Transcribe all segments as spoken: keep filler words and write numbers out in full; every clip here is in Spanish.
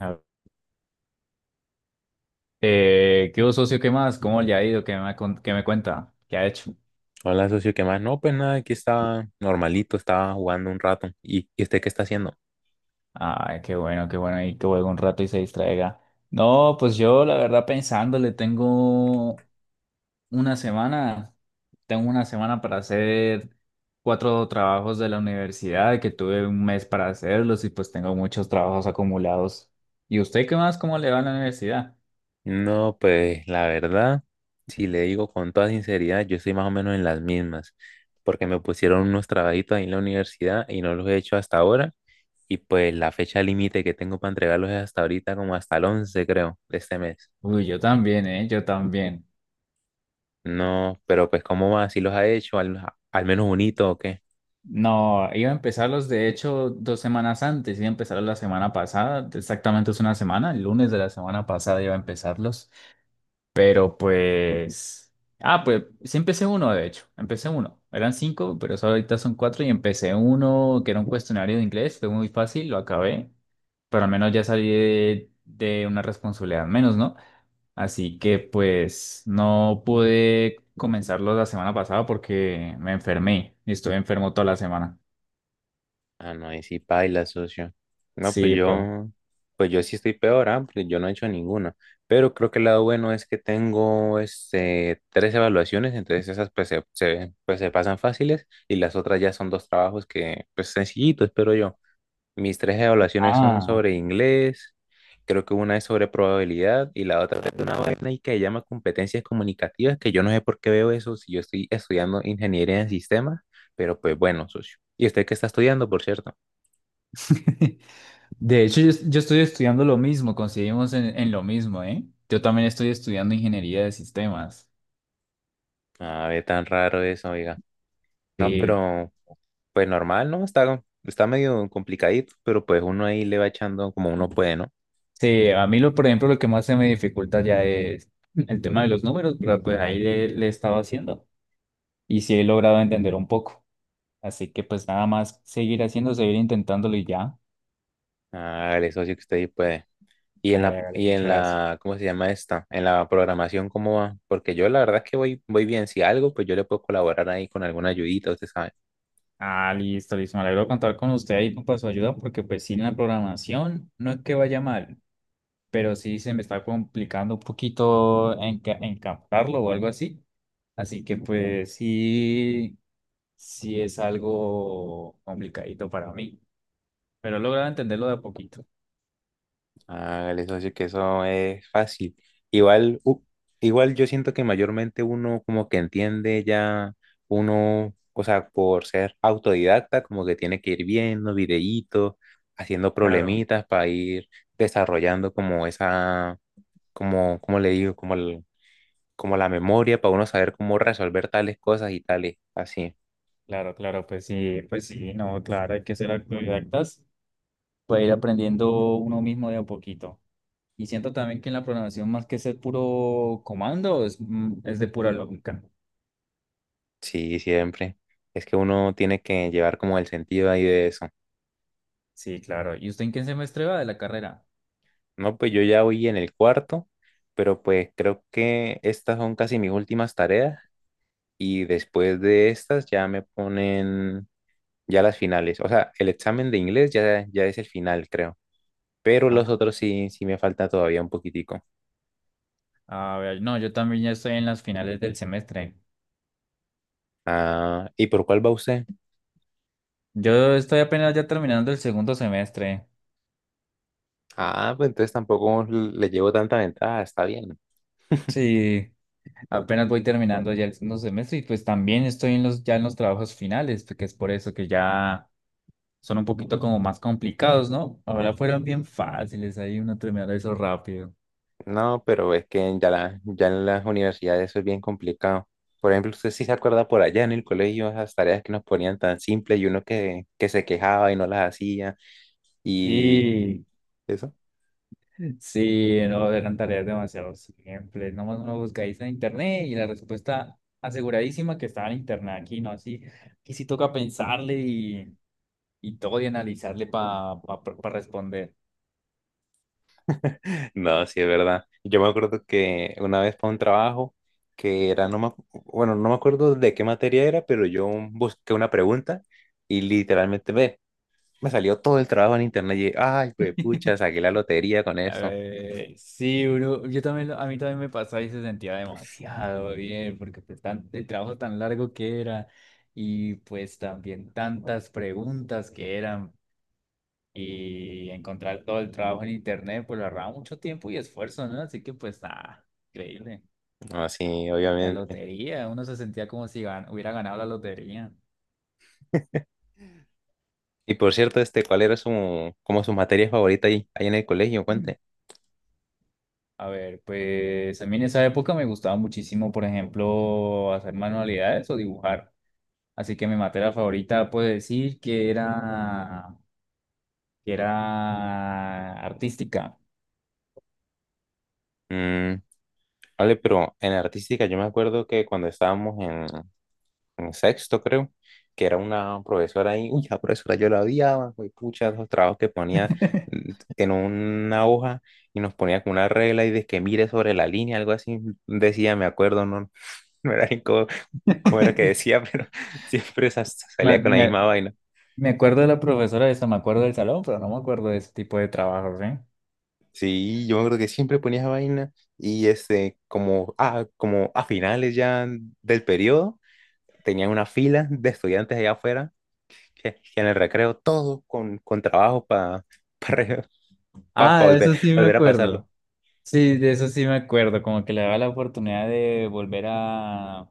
Ah, Eh, ¿qué hubo, socio? ¿Qué más? ¿Cómo le ha ido? ¿Qué me, con- ¿qué me cuenta? ¿Qué ha hecho? Hola, socio, ¿qué más? No, pues nada, aquí estaba normalito, estaba jugando un rato. ¿Y, y usted qué está haciendo? Ay, qué bueno, qué bueno. Y que juegue un rato y se distraiga. No, pues yo, la verdad, pensándole, tengo una semana. Tengo una semana para hacer cuatro trabajos de la universidad, que tuve un mes para hacerlos y pues tengo muchos trabajos acumulados. ¿Y usted qué más? ¿Cómo le va a la universidad? No, pues la verdad, si le digo con toda sinceridad, yo estoy más o menos en las mismas, porque me pusieron unos trabajitos ahí en la universidad y no los he hecho hasta ahora. Y pues la fecha límite que tengo para entregarlos es hasta ahorita, como hasta el once creo, de este mes. Uy, yo también, ¿eh? Yo también. No, pero pues ¿cómo va? ¿Si los ha hecho? ¿Al, al menos bonito o qué? No, iba a empezarlos de hecho dos semanas antes, iba a empezarlos la semana pasada, exactamente es una semana, el lunes de la semana pasada iba a empezarlos, pero pues, ah, pues sí empecé uno de hecho, empecé uno, eran cinco, pero solo ahorita son cuatro y empecé uno que era un cuestionario de inglés, fue muy fácil, lo acabé, pero al menos ya salí de, de una responsabilidad menos, ¿no? Así que pues no pude comenzarlos la semana pasada porque me enfermé y estuve enfermo toda la semana. Ah, no, ahí sí paila, socio. No, pues Sí, bro. yo, pues yo sí estoy peor, ah, porque yo no he hecho ninguna. Pero creo que el lado bueno es que tengo este, tres evaluaciones, entonces esas pues se, se- pues se pasan fáciles y las otras ya son dos trabajos que, pues sencillitos, espero yo. Mis tres evaluaciones son Ah, sobre inglés, creo que una es sobre probabilidad y la otra es de una vaina y que se llama competencias comunicativas, que yo no sé por qué veo eso si yo estoy estudiando ingeniería en sistemas, pero pues bueno, socio. ¿Y usted qué está estudiando, por cierto? de hecho yo, yo estoy estudiando lo mismo, coincidimos en, en lo mismo, ¿eh? Yo también estoy estudiando ingeniería de sistemas. A ver, tan raro eso, oiga. No, Sí, pero pues normal, ¿no? Está, está medio complicadito, pero pues uno ahí le va echando como uno puede, ¿no? sí, a mí lo, por ejemplo, lo que más se me dificulta ya es el tema de los números, pero pues ahí le, le he estado haciendo y sí he logrado entender un poco. Así que pues nada más seguir haciendo, seguir intentándolo y ya. Hágale, socio, que usted ahí puede. Y en la, Hágale, hágale, y en muchas gracias. la, ¿cómo se llama esta? En la programación, ¿cómo va? Porque yo la verdad es que voy, voy bien. Si algo, pues yo le puedo colaborar ahí con alguna ayudita, usted sabe. Ah, listo, listo. Me alegro de contar con usted ahí para su ayuda, porque pues sí, en la programación no es que vaya mal, pero sí se me está complicando un poquito enca- encajarlo o algo así. Así que pues sí, sí es algo complicadito para mí, pero he logrado entenderlo de a poquito. Hágale, socio, que eso es fácil. Igual, u- igual yo siento que mayormente uno como que entiende ya, uno, o sea, por ser autodidacta, como que tiene que ir viendo videitos, haciendo Claro, problemitas para ir desarrollando como esa, como, como le digo, como, el- como la memoria para uno saber cómo resolver tales cosas y tales, así. claro, claro, pues sí, pues sí, no, claro, hay que ser autodidactas, puede ir aprendiendo uno mismo de a poquito. Y siento también que en la programación, más que ser puro comando, es, mm, es de pura lógica. Sí, siempre. Es que uno tiene que llevar como el sentido ahí de eso. Sí, claro. ¿Y usted en qué semestre va de la carrera? No, pues yo ya voy en el cuarto, pero pues creo que estas son casi mis últimas tareas y después de estas ya me ponen ya las finales. O sea, el examen de inglés ya, ya es el final, creo. Pero los otros sí, sí me falta todavía un poquitico. A ver, no, yo también ya estoy en las finales del semestre. Ah, ¿y por cuál va usted? Yo estoy apenas ya terminando el segundo semestre. Ah, pues entonces tampoco le llevo tanta ventaja, está bien. Sí, apenas voy terminando ya el segundo semestre y pues también estoy en los, ya en los trabajos finales, porque es por eso que ya son un poquito como más complicados, ¿no? Ahora fueron bien fáciles, ahí uno terminó eso rápido. No, pero es que ya, la- ya en las universidades eso es bien complicado. Por ejemplo, usted sí se acuerda por allá en el colegio esas tareas que nos ponían tan simples y uno que, que se quejaba y no las hacía y Y eso. sí, no, eran tareas demasiado simples. Nomás uno buscáis en internet y la respuesta aseguradísima que estaba en internet aquí, ¿no? Así que sí toca pensarle y y todo y analizarle para pa, pa- pa responder. No, sí es verdad. Yo me acuerdo que una vez para un trabajo que era, no me, acu- bueno, no me acuerdo de qué materia era, pero yo busqué una pregunta y literalmente ve, me salió todo el trabajo en internet y, ay, pues pucha, saqué la lotería con A eso. ver, sí, bro, yo también, lo- a mí también me pasaba y se sentía demasiado bien, porque pues tan- el trabajo tan largo que era y pues también tantas preguntas que eran y encontrar todo el trabajo en internet, pues lo agarraba mucho tiempo y esfuerzo, ¿no? Así que pues nada, increíble. Así, La obviamente. lotería, uno se sentía como si gan- hubiera ganado la lotería. Y por cierto, este, ¿cuál era su, como su materia favorita ahí, ahí en el colegio? Cuente. A ver, pues a mí en esa época me gustaba muchísimo, por ejemplo, hacer manualidades o dibujar. Así que mi materia favorita puedo decir que era, que era artística. Mm, vale, pero en artística yo me acuerdo que cuando estábamos en, en sexto, creo, que era una profesora ahí, uy, la profesora yo la odiaba, uy, pucha, los trabajos que ponía mm, en una hoja y nos ponía con una regla y de que mire sobre la línea, algo así, decía, me acuerdo, no, no era ni cómo, cómo era que decía, pero siempre sa- Me, salía con la me- misma vaina. Me acuerdo de la profesora de eso, me acuerdo del salón, pero no me acuerdo de ese tipo de trabajos, ¿eh? Sí, yo me acuerdo que siempre ponía esa vaina y este, como, ah, como a finales ya del periodo, tenían una fila de estudiantes allá afuera que, que en el recreo todos con, con trabajo para pa, pa re- pa- pa Ah, de volver, eso sí me volver a pasarlo. acuerdo. Sí, de eso sí me acuerdo, como que le daba la oportunidad de volver a,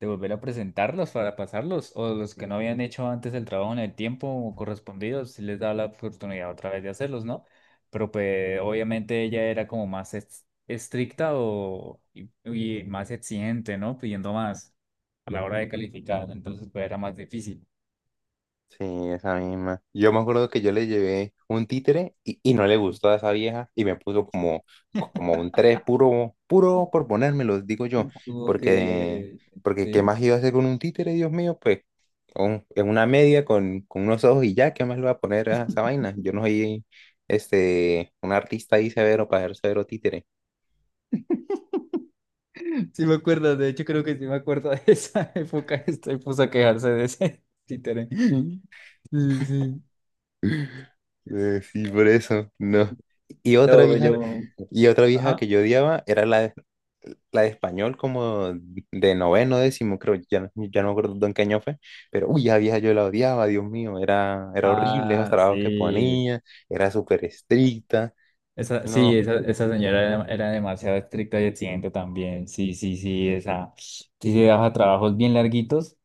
de volver a presentarlos para pasarlos, o los que no habían hecho antes el trabajo en el tiempo correspondido, si les da la oportunidad otra vez de hacerlos, ¿no? Pero pues obviamente ella era como más ex- estricta o, y, y más exigente, ¿no? Pidiendo más a la hora de calificar, entonces pues era más difícil. Sí, esa misma. Yo me acuerdo que yo le llevé un títere y, y no le gustó a esa vieja y me puso como, como un tres puro, puro por ponérmelo, digo yo, Tuvo porque, que... porque ¿qué ¿Sí? más iba a hacer con un títere, Dios mío? Pues un- en una media con, con unos ojos y ya, ¿qué más le va a poner a esa vaina? Yo no soy este, un artista ahí severo para hacer severo títere. Sí me acuerdo, de hecho creo que sí me acuerdo de esa época, estoy puso a quejarse de ese títere. Sí, sí. Eh, sí, por eso, no. Y otra No, vieja, yo. y otra vieja que Ajá. yo odiaba era la de, la de español, como de noveno, décimo, creo, ya, no- ya no me acuerdo en qué año fue, pero uy, esa vieja yo la odiaba, Dios mío, era, era horrible esos Ah, trabajos que sí. ponía, era súper estricta, Esa, sí, no, esa, esa señora era, era demasiado estricta y exigente también. Sí, sí, sí. Esa. Si se daba trabajos bien larguitos,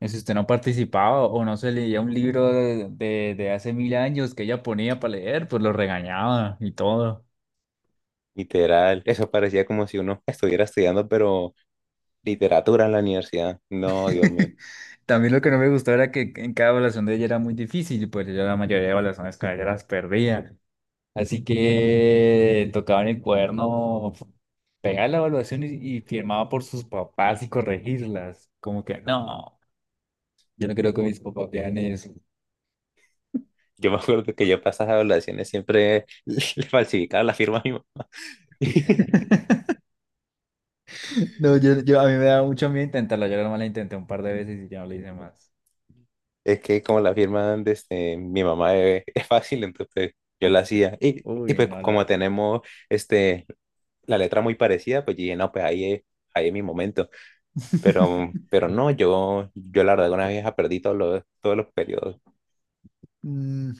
en si usted no participaba o no se leía un libro de, de, de hace mil años que ella ponía para leer, pues lo regañaba y todo. literal, eso parecía como si uno estuviera estudiando, pero literatura en la universidad, no, Dios mío. También lo que no me gustó era que en cada evaluación de ella era muy difícil, pues yo la mayoría de evaluaciones con ella las perdía. Así que tocaban el cuaderno, pegaba la evaluación y, y firmaba por sus papás y corregirlas. Como que, no, yo no creo que mis papás vean eso. Yo me acuerdo que yo para esas evaluaciones siempre le falsificaba la firma a mi mamá. No, yo, yo- a mí me da mucho miedo intentarlo. Yo nomás la intenté un par de veces y ya no lo hice más. Es que como la firma de este, mi mamá es, es fácil, entonces pues, yo la hacía. Y, y Uy, pues no como la. tenemos este, la letra muy parecida, pues yo dije, no, pues ahí es, ahí es mi momento. Pero, pero no, yo, yo la verdad una vieja perdí todos los, todos los periodos. Mm,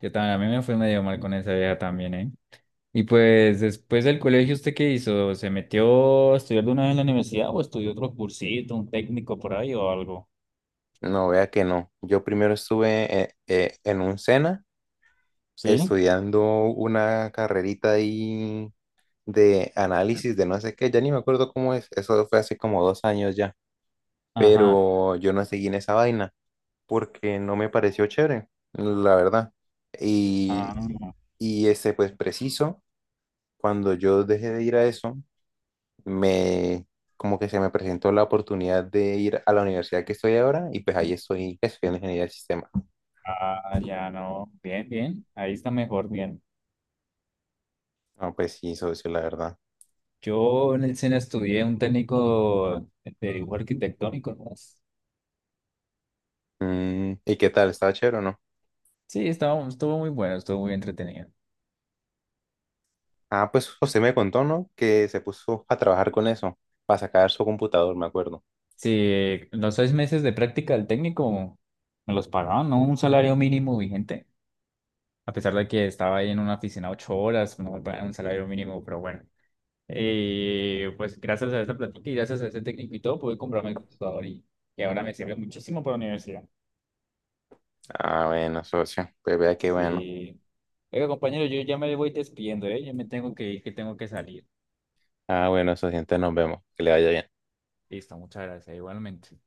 Yo también, a mí me fue medio mal con esa vieja también, ¿eh? Y pues después del colegio, ¿usted qué hizo? ¿Se metió a estudiar de una vez en la universidad o estudió otro cursito, un técnico por ahí o algo? No, vea que no. Yo primero estuve eh, eh, en un SENA ¿Sí? estudiando una carrerita ahí de análisis de no sé qué, ya ni me acuerdo cómo es, eso fue hace como dos años ya, Ajá. pero yo no seguí en esa vaina porque no me pareció chévere, la verdad. Y, Ah, y ese, pues preciso, cuando yo dejé de ir a eso, me como que se me presentó la oportunidad de ir a la universidad que estoy ahora y pues ahí estoy estudiando ingeniería del sistema. ah, ya no. Bien, bien. Ahí está mejor, bien. No, pues sí, socio, la verdad. Yo en el cine estudié un técnico de dibujo arquitectónico, ¿no? Mm, ¿y qué tal? ¿Estaba chévere o no? Sí, estaba, estuvo muy bueno, estuvo muy entretenido. Ah, pues José me contó, ¿no? Que se puso a trabajar con eso, para sacar su computador, me acuerdo. Sí, los seis meses de práctica del técnico me los pagaban, ¿no? Un salario mínimo vigente. A pesar de que estaba ahí en una oficina ocho horas, no me pagaban un salario mínimo, pero bueno. Eh, pues gracias a esta plática y gracias a ese técnico y todo, pude comprarme el computador y, y ahora me sirve muchísimo para la universidad. Ah, bueno, socio, pues vea qué bueno. Sí. Oiga, compañero, yo ya me voy despidiendo, ¿eh? Yo me tengo que ir, que tengo que salir. Ah, bueno, socio, entonces nos vemos. Que le vaya bien. Listo, muchas gracias, igualmente.